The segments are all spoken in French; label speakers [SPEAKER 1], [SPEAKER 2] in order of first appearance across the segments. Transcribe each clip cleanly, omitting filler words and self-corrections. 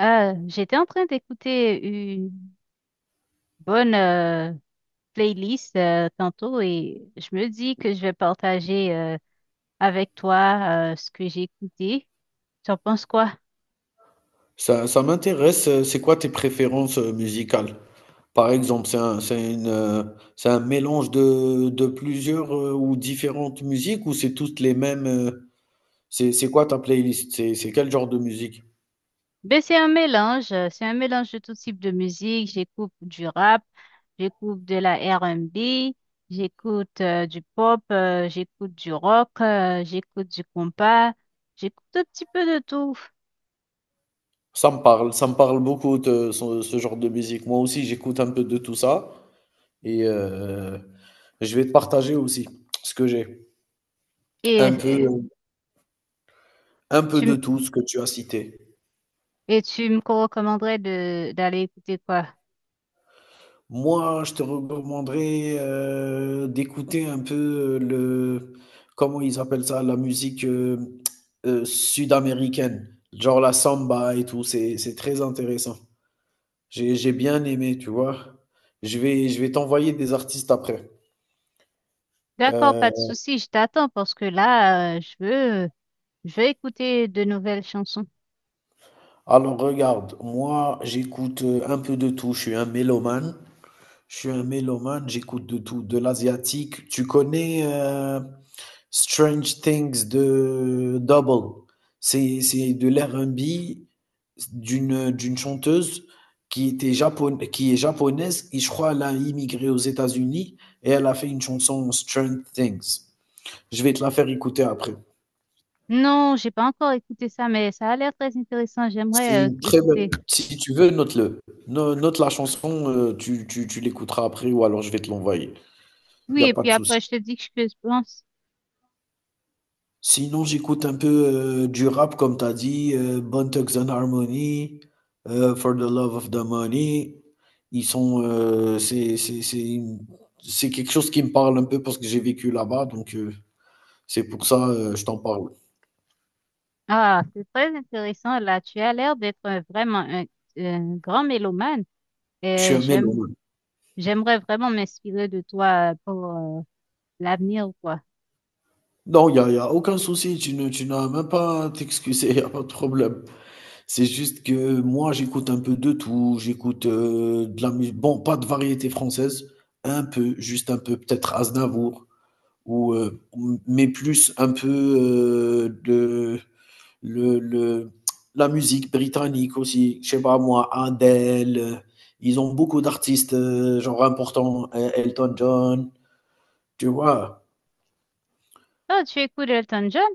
[SPEAKER 1] J'étais en train d'écouter une bonne playlist tantôt et je me dis que je vais partager avec toi ce que j'ai écouté. Tu en penses quoi?
[SPEAKER 2] Ça m'intéresse, c'est quoi tes préférences musicales? Par exemple, c'est un mélange de plusieurs ou différentes musiques ou c'est toutes les mêmes? C'est quoi ta playlist? C'est quel genre de musique?
[SPEAKER 1] Ben, c'est un mélange de tout type de musique. J'écoute du rap, j'écoute de la R&B, j'écoute du pop, j'écoute du rock, j'écoute du compas, j'écoute un petit peu de tout.
[SPEAKER 2] Ça me parle beaucoup de ce genre de musique. Moi aussi, j'écoute un peu de tout ça et je vais te partager aussi ce que j'ai.
[SPEAKER 1] Et
[SPEAKER 2] Un peu.
[SPEAKER 1] euh,
[SPEAKER 2] Un peu de
[SPEAKER 1] tu,
[SPEAKER 2] tout ce que tu as cité.
[SPEAKER 1] Et tu me recommanderais de d'aller écouter quoi?
[SPEAKER 2] Moi, je te recommanderais, d'écouter un peu le comment ils appellent ça? La musique, sud-américaine, genre la samba et tout, c'est très intéressant. J'ai bien aimé, tu vois? Je vais t'envoyer des artistes après.
[SPEAKER 1] D'accord, pas de
[SPEAKER 2] Heu,
[SPEAKER 1] souci, je t'attends parce que là, je veux écouter de nouvelles chansons.
[SPEAKER 2] alors regarde, moi, j'écoute, un peu de tout, je suis un mélomane, j'écoute de tout, de l'asiatique. Tu connais, Strange Things de Double. C'est de l'R&B d'une chanteuse qui est japonaise et je crois elle a immigré aux États-Unis et elle a fait une chanson Strange Things. Je vais te la faire écouter après.
[SPEAKER 1] Non, j'ai pas encore écouté ça, mais ça a l'air très intéressant.
[SPEAKER 2] C'est
[SPEAKER 1] J'aimerais
[SPEAKER 2] une très bonne.
[SPEAKER 1] écouter.
[SPEAKER 2] Si tu veux, note-le. Note la chanson, tu l'écouteras après ou alors je vais te l'envoyer. Il n'y
[SPEAKER 1] Oui,
[SPEAKER 2] a
[SPEAKER 1] et
[SPEAKER 2] pas
[SPEAKER 1] puis
[SPEAKER 2] de
[SPEAKER 1] après,
[SPEAKER 2] souci.
[SPEAKER 1] je te dis que je pense.
[SPEAKER 2] Sinon, j'écoute un peu du rap, comme tu as dit, Bone Thugs and Harmony, For the Love of the Money. Ils sont, c'est une- c'est quelque chose qui me parle un peu parce que j'ai vécu là-bas, donc c'est pour ça je t'en parle.
[SPEAKER 1] Ah, c'est très intéressant. Là, tu as l'air d'être vraiment un grand mélomane.
[SPEAKER 2] Je suis
[SPEAKER 1] Et
[SPEAKER 2] un mélomane.
[SPEAKER 1] j'aimerais vraiment m'inspirer de toi pour euh, l'avenir, ou quoi.
[SPEAKER 2] Non, y a aucun souci, tu n'as même pas à t'excuser, il n'y a pas de problème. C'est juste que moi, j'écoute un peu de tout, j'écoute de la musique, bon, pas de variété française, un peu, juste un peu, peut-être Aznavour ou mais plus un peu de le, le, la musique britannique aussi, je sais pas moi, Adele, ils ont beaucoup d'artistes genre importants, Elton John, tu vois.
[SPEAKER 1] Ah, tu écoutes Elton John?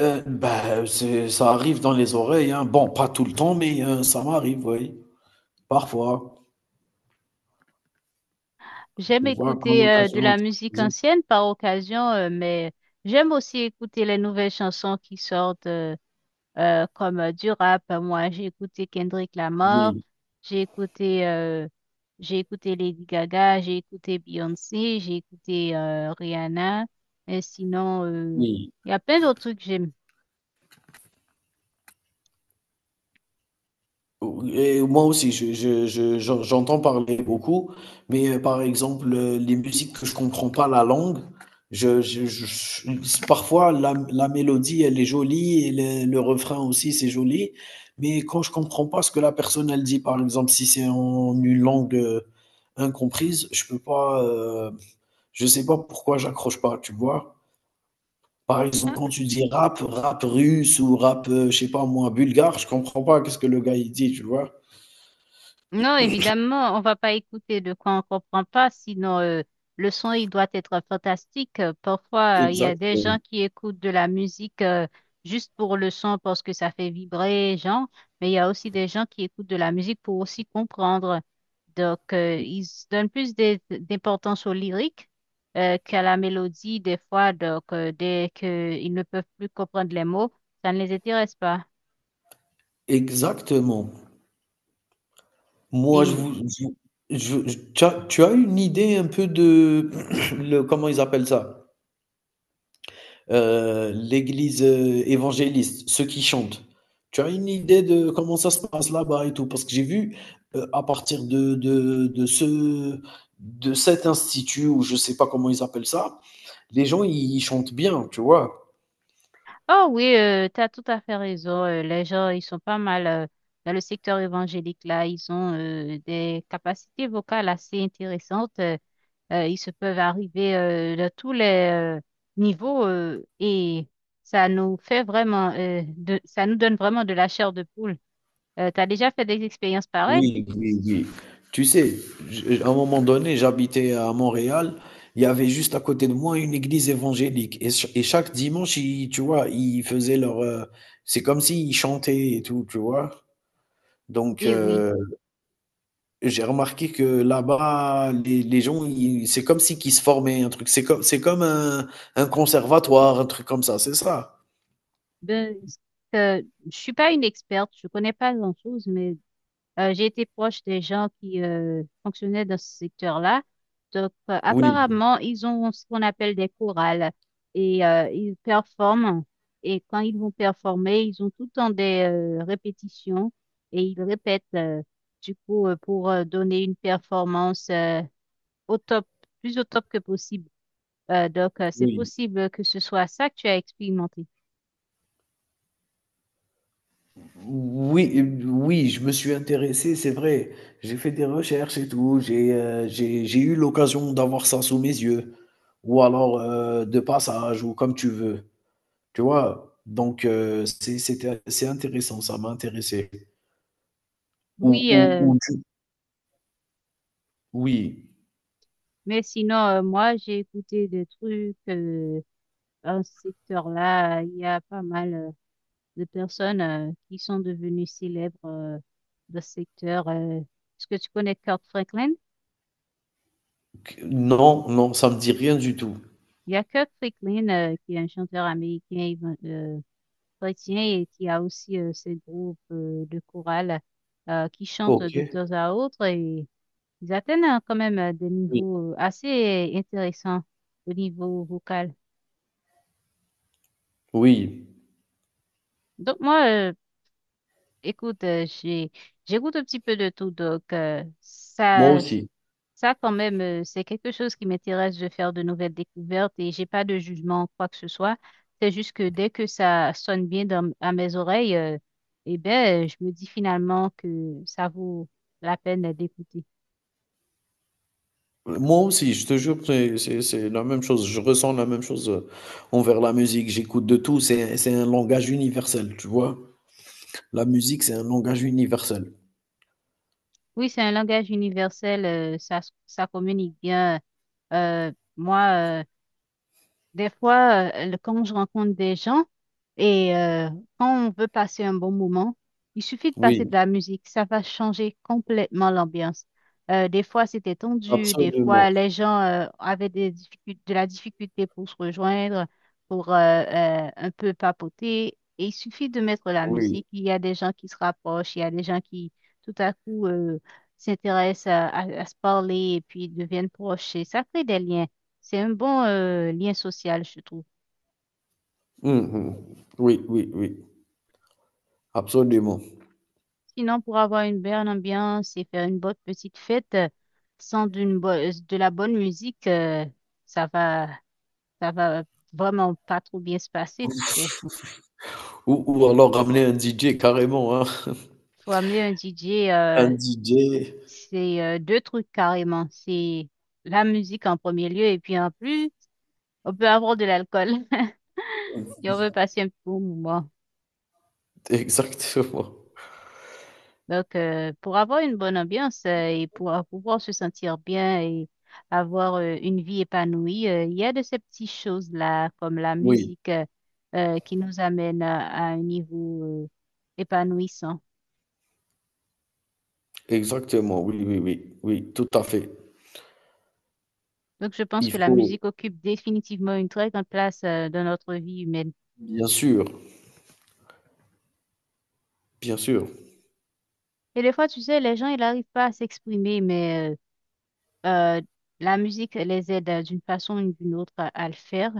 [SPEAKER 2] Bah, c'est, ça arrive dans les oreilles, hein. Bon, pas tout le temps, mais ça m'arrive, oui, parfois.
[SPEAKER 1] J'aime
[SPEAKER 2] Tu vois, quand
[SPEAKER 1] écouter de
[SPEAKER 2] l'occasion
[SPEAKER 1] la
[SPEAKER 2] est
[SPEAKER 1] musique
[SPEAKER 2] présentée.
[SPEAKER 1] ancienne par occasion, mais j'aime aussi écouter les nouvelles chansons qui sortent comme du rap. Moi, j'ai écouté Kendrick Lamar,
[SPEAKER 2] Oui,
[SPEAKER 1] j'ai écouté, euh, j'ai écouté Lady Gaga, j'ai écouté Beyoncé, j'ai écouté Rihanna. Et sinon,
[SPEAKER 2] oui.
[SPEAKER 1] il y a plein d'autres trucs que j'aime.
[SPEAKER 2] Et moi aussi, j'entends parler beaucoup, mais par exemple, les musiques que je comprends pas la langue, je, je- je- parfois la mélodie, elle est jolie et le refrain aussi, c'est joli, mais quand je comprends pas ce que la personne, elle dit, par exemple, si c'est en une langue incomprise, je peux pas, je sais pas pourquoi j'accroche pas, tu vois. Par exemple, quand tu dis rap, rap russe ou rap, je sais pas moi, bulgare, je comprends pas qu'est-ce que le gars il dit, tu vois.
[SPEAKER 1] Non, évidemment, on va pas écouter de quoi on comprend pas, sinon le son il doit être fantastique. Parfois, il y a des gens
[SPEAKER 2] Exactement,
[SPEAKER 1] qui écoutent de la musique juste pour le son parce que ça fait vibrer, genre, mais il y a aussi des gens qui écoutent de la musique pour aussi comprendre. Donc, ils se donnent plus d'importance au lyrique qu'à la mélodie des fois. Donc, dès qu'ils ne peuvent plus comprendre les mots, ça ne les intéresse pas.
[SPEAKER 2] exactement.
[SPEAKER 1] Et
[SPEAKER 2] Moi, je vous je vous- je tu as une idée un peu de le comment ils appellent ça? L'église, évangéliste, ceux qui chantent. Tu as une idée de comment ça se passe là-bas et tout? Parce que j'ai vu, à partir de ce de cet institut ou je sais pas comment ils appellent ça, les gens ils chantent bien, tu vois?
[SPEAKER 1] Oh oui, tu as tout à fait raison. Les gens, ils sont pas mal dans le secteur évangélique là. Ils ont des capacités vocales assez intéressantes. Ils se peuvent arriver de tous les euh, niveaux et ça nous donne vraiment de la chair de poule. Tu as déjà fait des expériences pareilles?
[SPEAKER 2] Oui, oui, oui. Tu sais, à un moment donné, j'habitais à Montréal. Il y avait juste à côté de moi une église évangélique. Et, et chaque dimanche, tu vois, ils faisaient leur... c'est comme s'ils chantaient et tout, tu vois. Donc,
[SPEAKER 1] Eh oui.
[SPEAKER 2] j'ai remarqué que là-bas, les gens, c'est comme si qu'ils se formaient un truc. C'est comme un conservatoire, un truc comme ça, c'est ça.
[SPEAKER 1] Ben, euh, je suis pas une experte, je connais pas grand-chose, mais j'ai été proche des gens qui fonctionnaient dans ce secteur-là. Donc,
[SPEAKER 2] Oui,
[SPEAKER 1] apparemment, ils ont ce qu'on appelle des chorales et ils performent. Et quand ils vont performer, ils ont tout le temps des répétitions et ils répètent du coup pour donner une performance au top, plus au top que possible. Donc, c'est
[SPEAKER 2] oui.
[SPEAKER 1] possible que ce soit ça que tu as expérimenté.
[SPEAKER 2] Oui, oui, je me suis intéressé, c'est vrai. J'ai fait des recherches et tout. J'ai eu l'occasion d'avoir ça sous mes yeux. Ou alors de passage, ou comme tu veux. Tu vois? Donc, c'est intéressant, ça m'a intéressé. Ou,
[SPEAKER 1] Oui,
[SPEAKER 2] ou, ou
[SPEAKER 1] euh,
[SPEAKER 2] du- oui.
[SPEAKER 1] Mais sinon, moi, j'ai écouté des trucs dans ce secteur-là. Il y a pas mal de personnes qui sont devenues célèbres dans ce secteur. Est-ce que tu connais Kirk Franklin?
[SPEAKER 2] Non, non, ça me dit rien du tout.
[SPEAKER 1] Il y a Kirk Franklin qui est un chanteur américain chrétien et qui a aussi ses groupes de chorale qui chantent de
[SPEAKER 2] Ok.
[SPEAKER 1] temps à autre et ils atteignent quand même des
[SPEAKER 2] Oui.
[SPEAKER 1] niveaux assez intéressants au niveau vocal.
[SPEAKER 2] Oui.
[SPEAKER 1] Donc moi, écoute, j'écoute un petit peu de tout, donc
[SPEAKER 2] Moi
[SPEAKER 1] ça,
[SPEAKER 2] aussi.
[SPEAKER 1] ça quand même, c'est quelque chose qui m'intéresse de faire de nouvelles découvertes et j'ai pas de jugement, quoi que ce soit. C'est juste que dès que ça sonne bien à mes oreilles, eh ben, je me dis finalement que ça vaut la peine d'écouter.
[SPEAKER 2] Moi aussi, je te jure, c'est la même chose. Je ressens la même chose envers la musique. J'écoute de tout. C'est un langage universel, tu vois. La musique, c'est un langage universel.
[SPEAKER 1] Oui, c'est un langage universel, ça communique bien. Euh, moi, euh, Des fois, quand je rencontre des gens et quand on veut passer un bon moment, il suffit de passer de
[SPEAKER 2] Oui,
[SPEAKER 1] la musique, ça va changer complètement l'ambiance. Des fois, c'était tendu, des
[SPEAKER 2] absolument.
[SPEAKER 1] fois, les gens avaient des de la difficulté pour se rejoindre, pour un peu papoter. Et il suffit de mettre la
[SPEAKER 2] Oui.
[SPEAKER 1] musique. Il y a des gens qui se rapprochent, il y a des gens qui, tout à coup, s'intéressent à se parler et puis deviennent proches. Et ça crée des liens. C'est un bon lien social, je trouve.
[SPEAKER 2] Mhm. Oui, oui, oui. Absolument.
[SPEAKER 1] Sinon, pour avoir une bonne ambiance et faire une bonne petite fête sans de la bonne musique, ça va, ça va vraiment pas trop bien se passer, tu sais.
[SPEAKER 2] Ou alors ramener un DJ carrément, hein.
[SPEAKER 1] Faut amener un DJ,
[SPEAKER 2] Un DJ.
[SPEAKER 1] c'est deux trucs carrément. C'est la musique en premier lieu et puis en plus, on peut avoir de l'alcool si on veut passer un bon moment.
[SPEAKER 2] Exactement.
[SPEAKER 1] Donc, pour avoir une bonne ambiance et pour pouvoir se sentir bien et avoir une vie épanouie, il y a de ces petites choses-là, comme la
[SPEAKER 2] Oui,
[SPEAKER 1] musique, qui nous amène à un niveau épanouissant.
[SPEAKER 2] exactement. Oui, oui, oui. Oui, tout à fait.
[SPEAKER 1] Donc, je pense que
[SPEAKER 2] Il
[SPEAKER 1] la
[SPEAKER 2] faut,
[SPEAKER 1] musique occupe définitivement une très grande place dans notre vie humaine.
[SPEAKER 2] bien sûr, bien sûr.
[SPEAKER 1] Et des fois, tu sais, les gens, ils n'arrivent pas à s'exprimer, mais Euh, la musique les aide d'une façon ou d'une autre à le faire.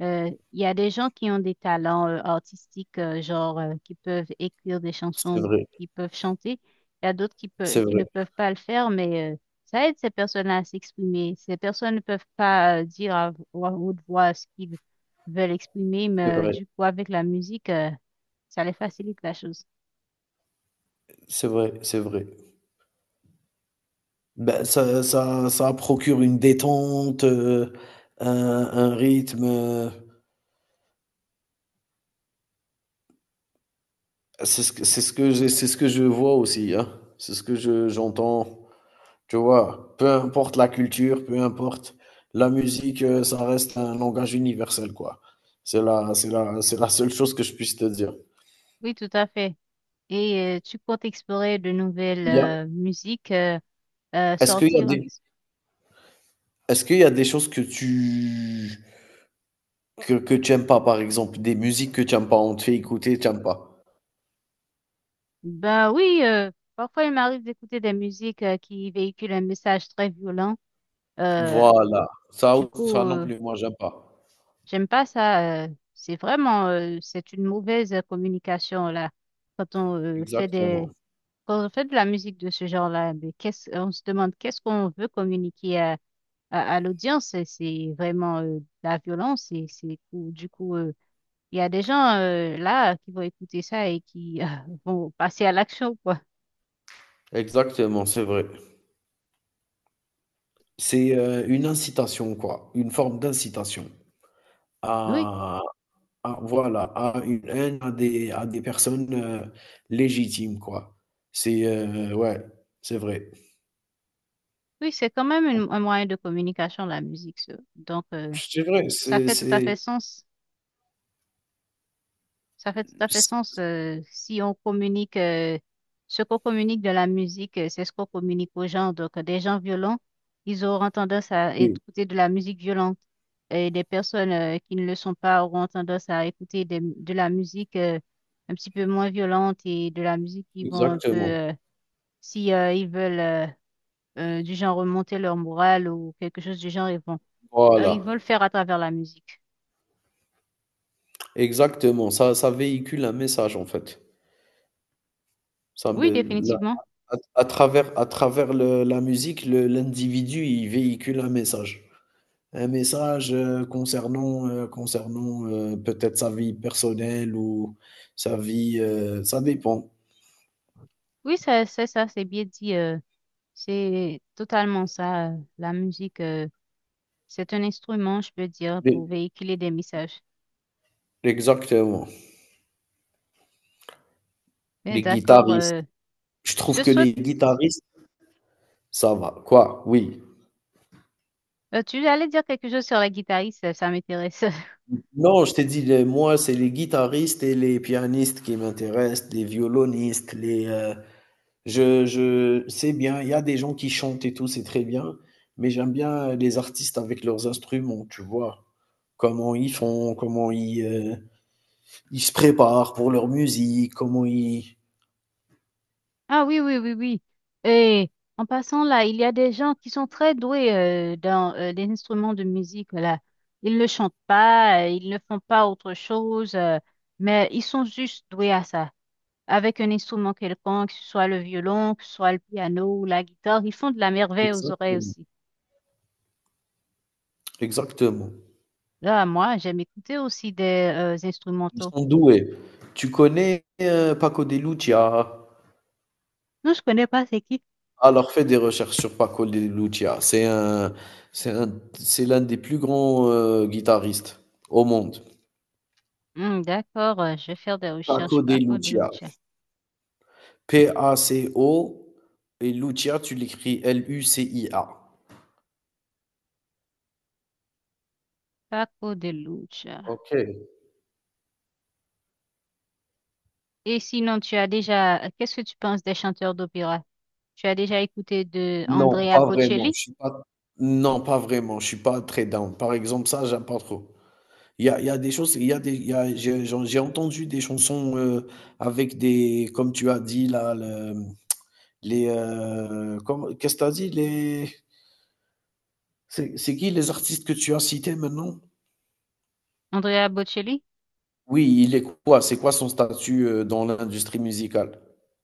[SPEAKER 1] Il y a des gens qui ont des talents artistiques, genre qui peuvent écrire des chansons
[SPEAKER 2] C'est
[SPEAKER 1] ou
[SPEAKER 2] vrai,
[SPEAKER 1] qui peuvent chanter. Il y a d'autres qui peuvent,
[SPEAKER 2] c'est
[SPEAKER 1] qui
[SPEAKER 2] vrai,
[SPEAKER 1] ne peuvent pas le faire, mais ça aide ces personnes-là à s'exprimer. Ces personnes ne peuvent pas dire à haute voix ce qu'ils veulent exprimer,
[SPEAKER 2] c'est
[SPEAKER 1] mais
[SPEAKER 2] vrai.
[SPEAKER 1] du coup, avec la musique, ça les facilite la chose.
[SPEAKER 2] C'est vrai, c'est vrai. Ben ça procure une détente, un un rythme, c'est ce que je vois aussi, hein. C'est ce que je j'entends, tu vois? Peu importe la culture, peu importe la musique, ça reste un langage universel, quoi. C'est la seule chose que je puisse te dire.
[SPEAKER 1] Oui, tout à fait. Et tu comptes explorer de nouvelles
[SPEAKER 2] Il y a Mmh.
[SPEAKER 1] musiques.
[SPEAKER 2] est-ce qu'il y a
[SPEAKER 1] Sortir un
[SPEAKER 2] des
[SPEAKER 1] petit.
[SPEAKER 2] est-ce qu'il y a des choses que tu aimes pas, par exemple, des musiques que tu aimes pas? On te fait écouter, tu aimes pas?
[SPEAKER 1] Ben oui, parfois il m'arrive d'écouter des musiques qui véhiculent un message très violent. Euh,
[SPEAKER 2] Voilà, ça
[SPEAKER 1] du
[SPEAKER 2] ou
[SPEAKER 1] coup,
[SPEAKER 2] ça non plus, moi j'aime pas.
[SPEAKER 1] j'aime pas ça. C'est une mauvaise communication là. Quand on euh, fait
[SPEAKER 2] Exactement,
[SPEAKER 1] des, Quand on fait de la musique de ce genre-là, mais on se demande qu'est-ce qu'on veut communiquer à l'audience. C'est vraiment de la violence du coup, il y a des gens là qui vont écouter ça et qui vont passer à l'action, quoi.
[SPEAKER 2] exactement, c'est vrai. C'est, une incitation quoi, une forme d'incitation
[SPEAKER 1] Oui,
[SPEAKER 2] à à voilà, à une haine, à des personnes, légitimes quoi. C'est, ouais, c'est vrai.
[SPEAKER 1] Oui, c'est quand même
[SPEAKER 2] Donc
[SPEAKER 1] un moyen de communication, la musique. Ça. Donc,
[SPEAKER 2] c'est vrai,
[SPEAKER 1] ça fait tout à fait
[SPEAKER 2] c'est
[SPEAKER 1] sens. Ça fait tout à fait
[SPEAKER 2] c
[SPEAKER 1] sens si on communique, ce qu'on communique de la musique, c'est ce qu'on communique aux gens. Donc, des gens violents, ils auront tendance à
[SPEAKER 2] oui,
[SPEAKER 1] écouter de la musique violente. Et des personnes qui ne le sont pas auront tendance à écouter de la musique un petit peu moins violente et de la musique qui vont un peu,
[SPEAKER 2] exactement.
[SPEAKER 1] si ils veulent du genre remonter leur morale ou quelque chose du genre,
[SPEAKER 2] Voilà,
[SPEAKER 1] ils veulent faire à travers la musique.
[SPEAKER 2] exactement, ça véhicule un message en fait. Ça
[SPEAKER 1] Oui,
[SPEAKER 2] me
[SPEAKER 1] définitivement.
[SPEAKER 2] à travers le la musique, le l'individu, il véhicule un message. Un message, concernant, peut-être sa vie personnelle ou sa vie, ça dépend.
[SPEAKER 1] Oui, c'est ça, c'est bien dit. C'est totalement ça. La musique, c'est un instrument, je peux dire,
[SPEAKER 2] Mais
[SPEAKER 1] pour véhiculer des messages.
[SPEAKER 2] exactement,
[SPEAKER 1] Mais
[SPEAKER 2] les
[SPEAKER 1] d'accord.
[SPEAKER 2] guitaristes. Je
[SPEAKER 1] Je
[SPEAKER 2] trouve
[SPEAKER 1] te
[SPEAKER 2] que
[SPEAKER 1] souhaite.
[SPEAKER 2] les guitaristes ça va. Quoi? Oui.
[SPEAKER 1] Tu allais dire quelque chose sur la guitariste, ça m'intéresse.
[SPEAKER 2] Non, je t'ai dit les moi, c'est les guitaristes et les pianistes qui m'intéressent, les violonistes, je c'est bien, il y a des gens qui chantent et tout, c'est très bien, mais j'aime bien, les artistes avec leurs instruments, tu vois? Comment ils font, comment ils, ils se préparent pour leur musique, comment ils
[SPEAKER 1] Ah oui, oui, oui, oui. Et en passant là, il y a des gens qui sont très doués dans les instruments de musique. Là. Ils ne chantent pas, ils ne font pas autre chose, mais ils sont juste doués à ça. Avec un instrument quelconque, que ce soit le violon, que ce soit le piano ou la guitare, ils font de la merveille aux oreilles
[SPEAKER 2] exactement,
[SPEAKER 1] aussi.
[SPEAKER 2] exactement.
[SPEAKER 1] Là, moi, j'aime écouter aussi des
[SPEAKER 2] Ils
[SPEAKER 1] instrumentaux.
[SPEAKER 2] sont doués. Tu connais, Paco de Lucia?
[SPEAKER 1] Non, je connais pas c'est qui.
[SPEAKER 2] Alors fais des recherches sur Paco de Lucia. C'est un c'est un c'est l'un des plus grands, guitaristes au monde.
[SPEAKER 1] Hmm, d'accord, je vais faire des recherches.
[SPEAKER 2] Paco de
[SPEAKER 1] Paco de
[SPEAKER 2] Lucia.
[SPEAKER 1] Lucia.
[SPEAKER 2] Paco, et Lucia tu l'écris Lucia.
[SPEAKER 1] Paco de Lucia.
[SPEAKER 2] OK.
[SPEAKER 1] Et sinon, qu'est-ce que tu penses des chanteurs d'opéra? Tu as déjà écouté de
[SPEAKER 2] Non,
[SPEAKER 1] Andrea
[SPEAKER 2] pas vraiment.
[SPEAKER 1] Bocelli?
[SPEAKER 2] Je suis pas non, pas vraiment. Je suis pas très down. Par exemple, ça, j'aime pas trop. Il y a des choses, il y a des il y a j'ai j'ai entendu des chansons, avec des comme tu as dit là, comment qu'est-ce que tu as dit? Les c'est qui les artistes que tu as cités maintenant?
[SPEAKER 1] Andrea Bocelli,
[SPEAKER 2] Oui, il est quoi? C'est quoi son statut, dans l'industrie musicale?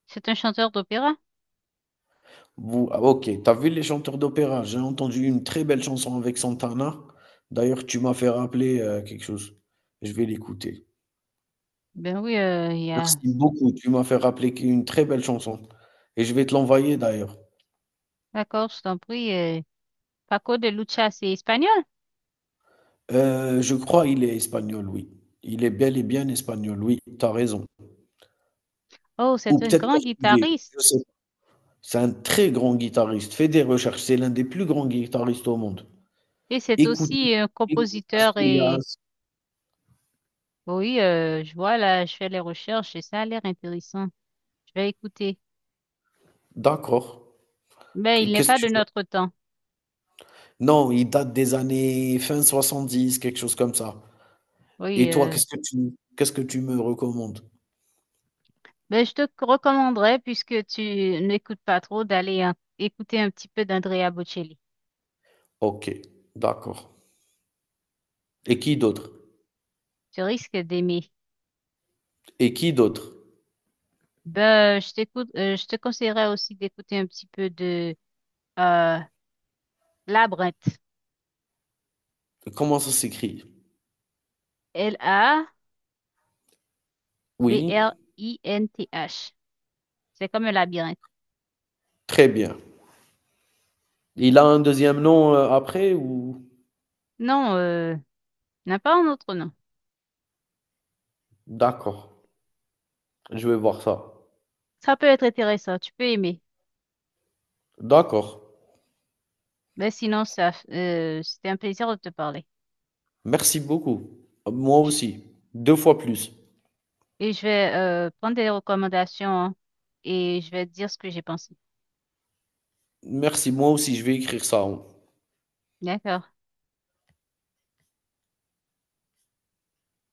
[SPEAKER 1] c'est un chanteur d'opéra?
[SPEAKER 2] Vous ah OK, t'as vu les chanteurs d'opéra? J'ai entendu une très belle chanson avec Santana. D'ailleurs, tu m'as fait rappeler, quelque chose. Je vais l'écouter.
[SPEAKER 1] Ben oui, il y a.
[SPEAKER 2] Merci beaucoup, tu m'as fait rappeler qui une très belle chanson et je vais te l'envoyer d'ailleurs.
[SPEAKER 1] D'accord, je t'en prie. Paco de Lucia, c'est espagnol?
[SPEAKER 2] Je crois il est espagnol, oui. Il est bel et bien espagnol, oui, tu as raison.
[SPEAKER 1] Oh,
[SPEAKER 2] Ou
[SPEAKER 1] c'est un
[SPEAKER 2] peut-être
[SPEAKER 1] grand
[SPEAKER 2] portugais,
[SPEAKER 1] guitariste
[SPEAKER 2] je sais pas. C'est un très grand guitariste, fais des recherches, c'est l'un des plus grands guitaristes au monde.
[SPEAKER 1] et c'est
[SPEAKER 2] Écoute
[SPEAKER 1] aussi un
[SPEAKER 2] écoute
[SPEAKER 1] compositeur et
[SPEAKER 2] Asturias.
[SPEAKER 1] oui, je vois là, je fais les recherches et ça a l'air intéressant. Je vais écouter.
[SPEAKER 2] D'accord.
[SPEAKER 1] Mais il n'est
[SPEAKER 2] Qu'est-ce
[SPEAKER 1] pas
[SPEAKER 2] que
[SPEAKER 1] de
[SPEAKER 2] tu veux?
[SPEAKER 1] notre temps.
[SPEAKER 2] Non, il date des années fin 70, quelque chose comme ça.
[SPEAKER 1] Oui,
[SPEAKER 2] Et toi, qu'est-ce que tu me recommandes?
[SPEAKER 1] ben je te recommanderais puisque tu n'écoutes pas trop d'aller écouter un petit peu d'Andrea Bocelli.
[SPEAKER 2] OK, d'accord. Et qui d'autre?
[SPEAKER 1] Tu risques d'aimer.
[SPEAKER 2] Et qui d'autre?
[SPEAKER 1] Ben, je t'écoute, je te conseillerais aussi d'écouter un petit peu de euh, Labyrinthe.
[SPEAKER 2] Comment ça s'écrit? Oui,
[SPEAKER 1] Labrinth. C'est comme un labyrinthe.
[SPEAKER 2] très bien. Il a un deuxième nom après ou...
[SPEAKER 1] Non. N'a pas un autre nom.
[SPEAKER 2] D'accord, je vais voir ça.
[SPEAKER 1] Ça peut être intéressant, tu peux aimer.
[SPEAKER 2] D'accord.
[SPEAKER 1] Mais sinon, c'était un plaisir de te parler.
[SPEAKER 2] Merci beaucoup. Moi aussi. Deux fois plus.
[SPEAKER 1] Et je vais prendre des recommandations hein, et je vais te dire ce que j'ai pensé.
[SPEAKER 2] Merci, moi aussi, je vais écrire ça.
[SPEAKER 1] D'accord.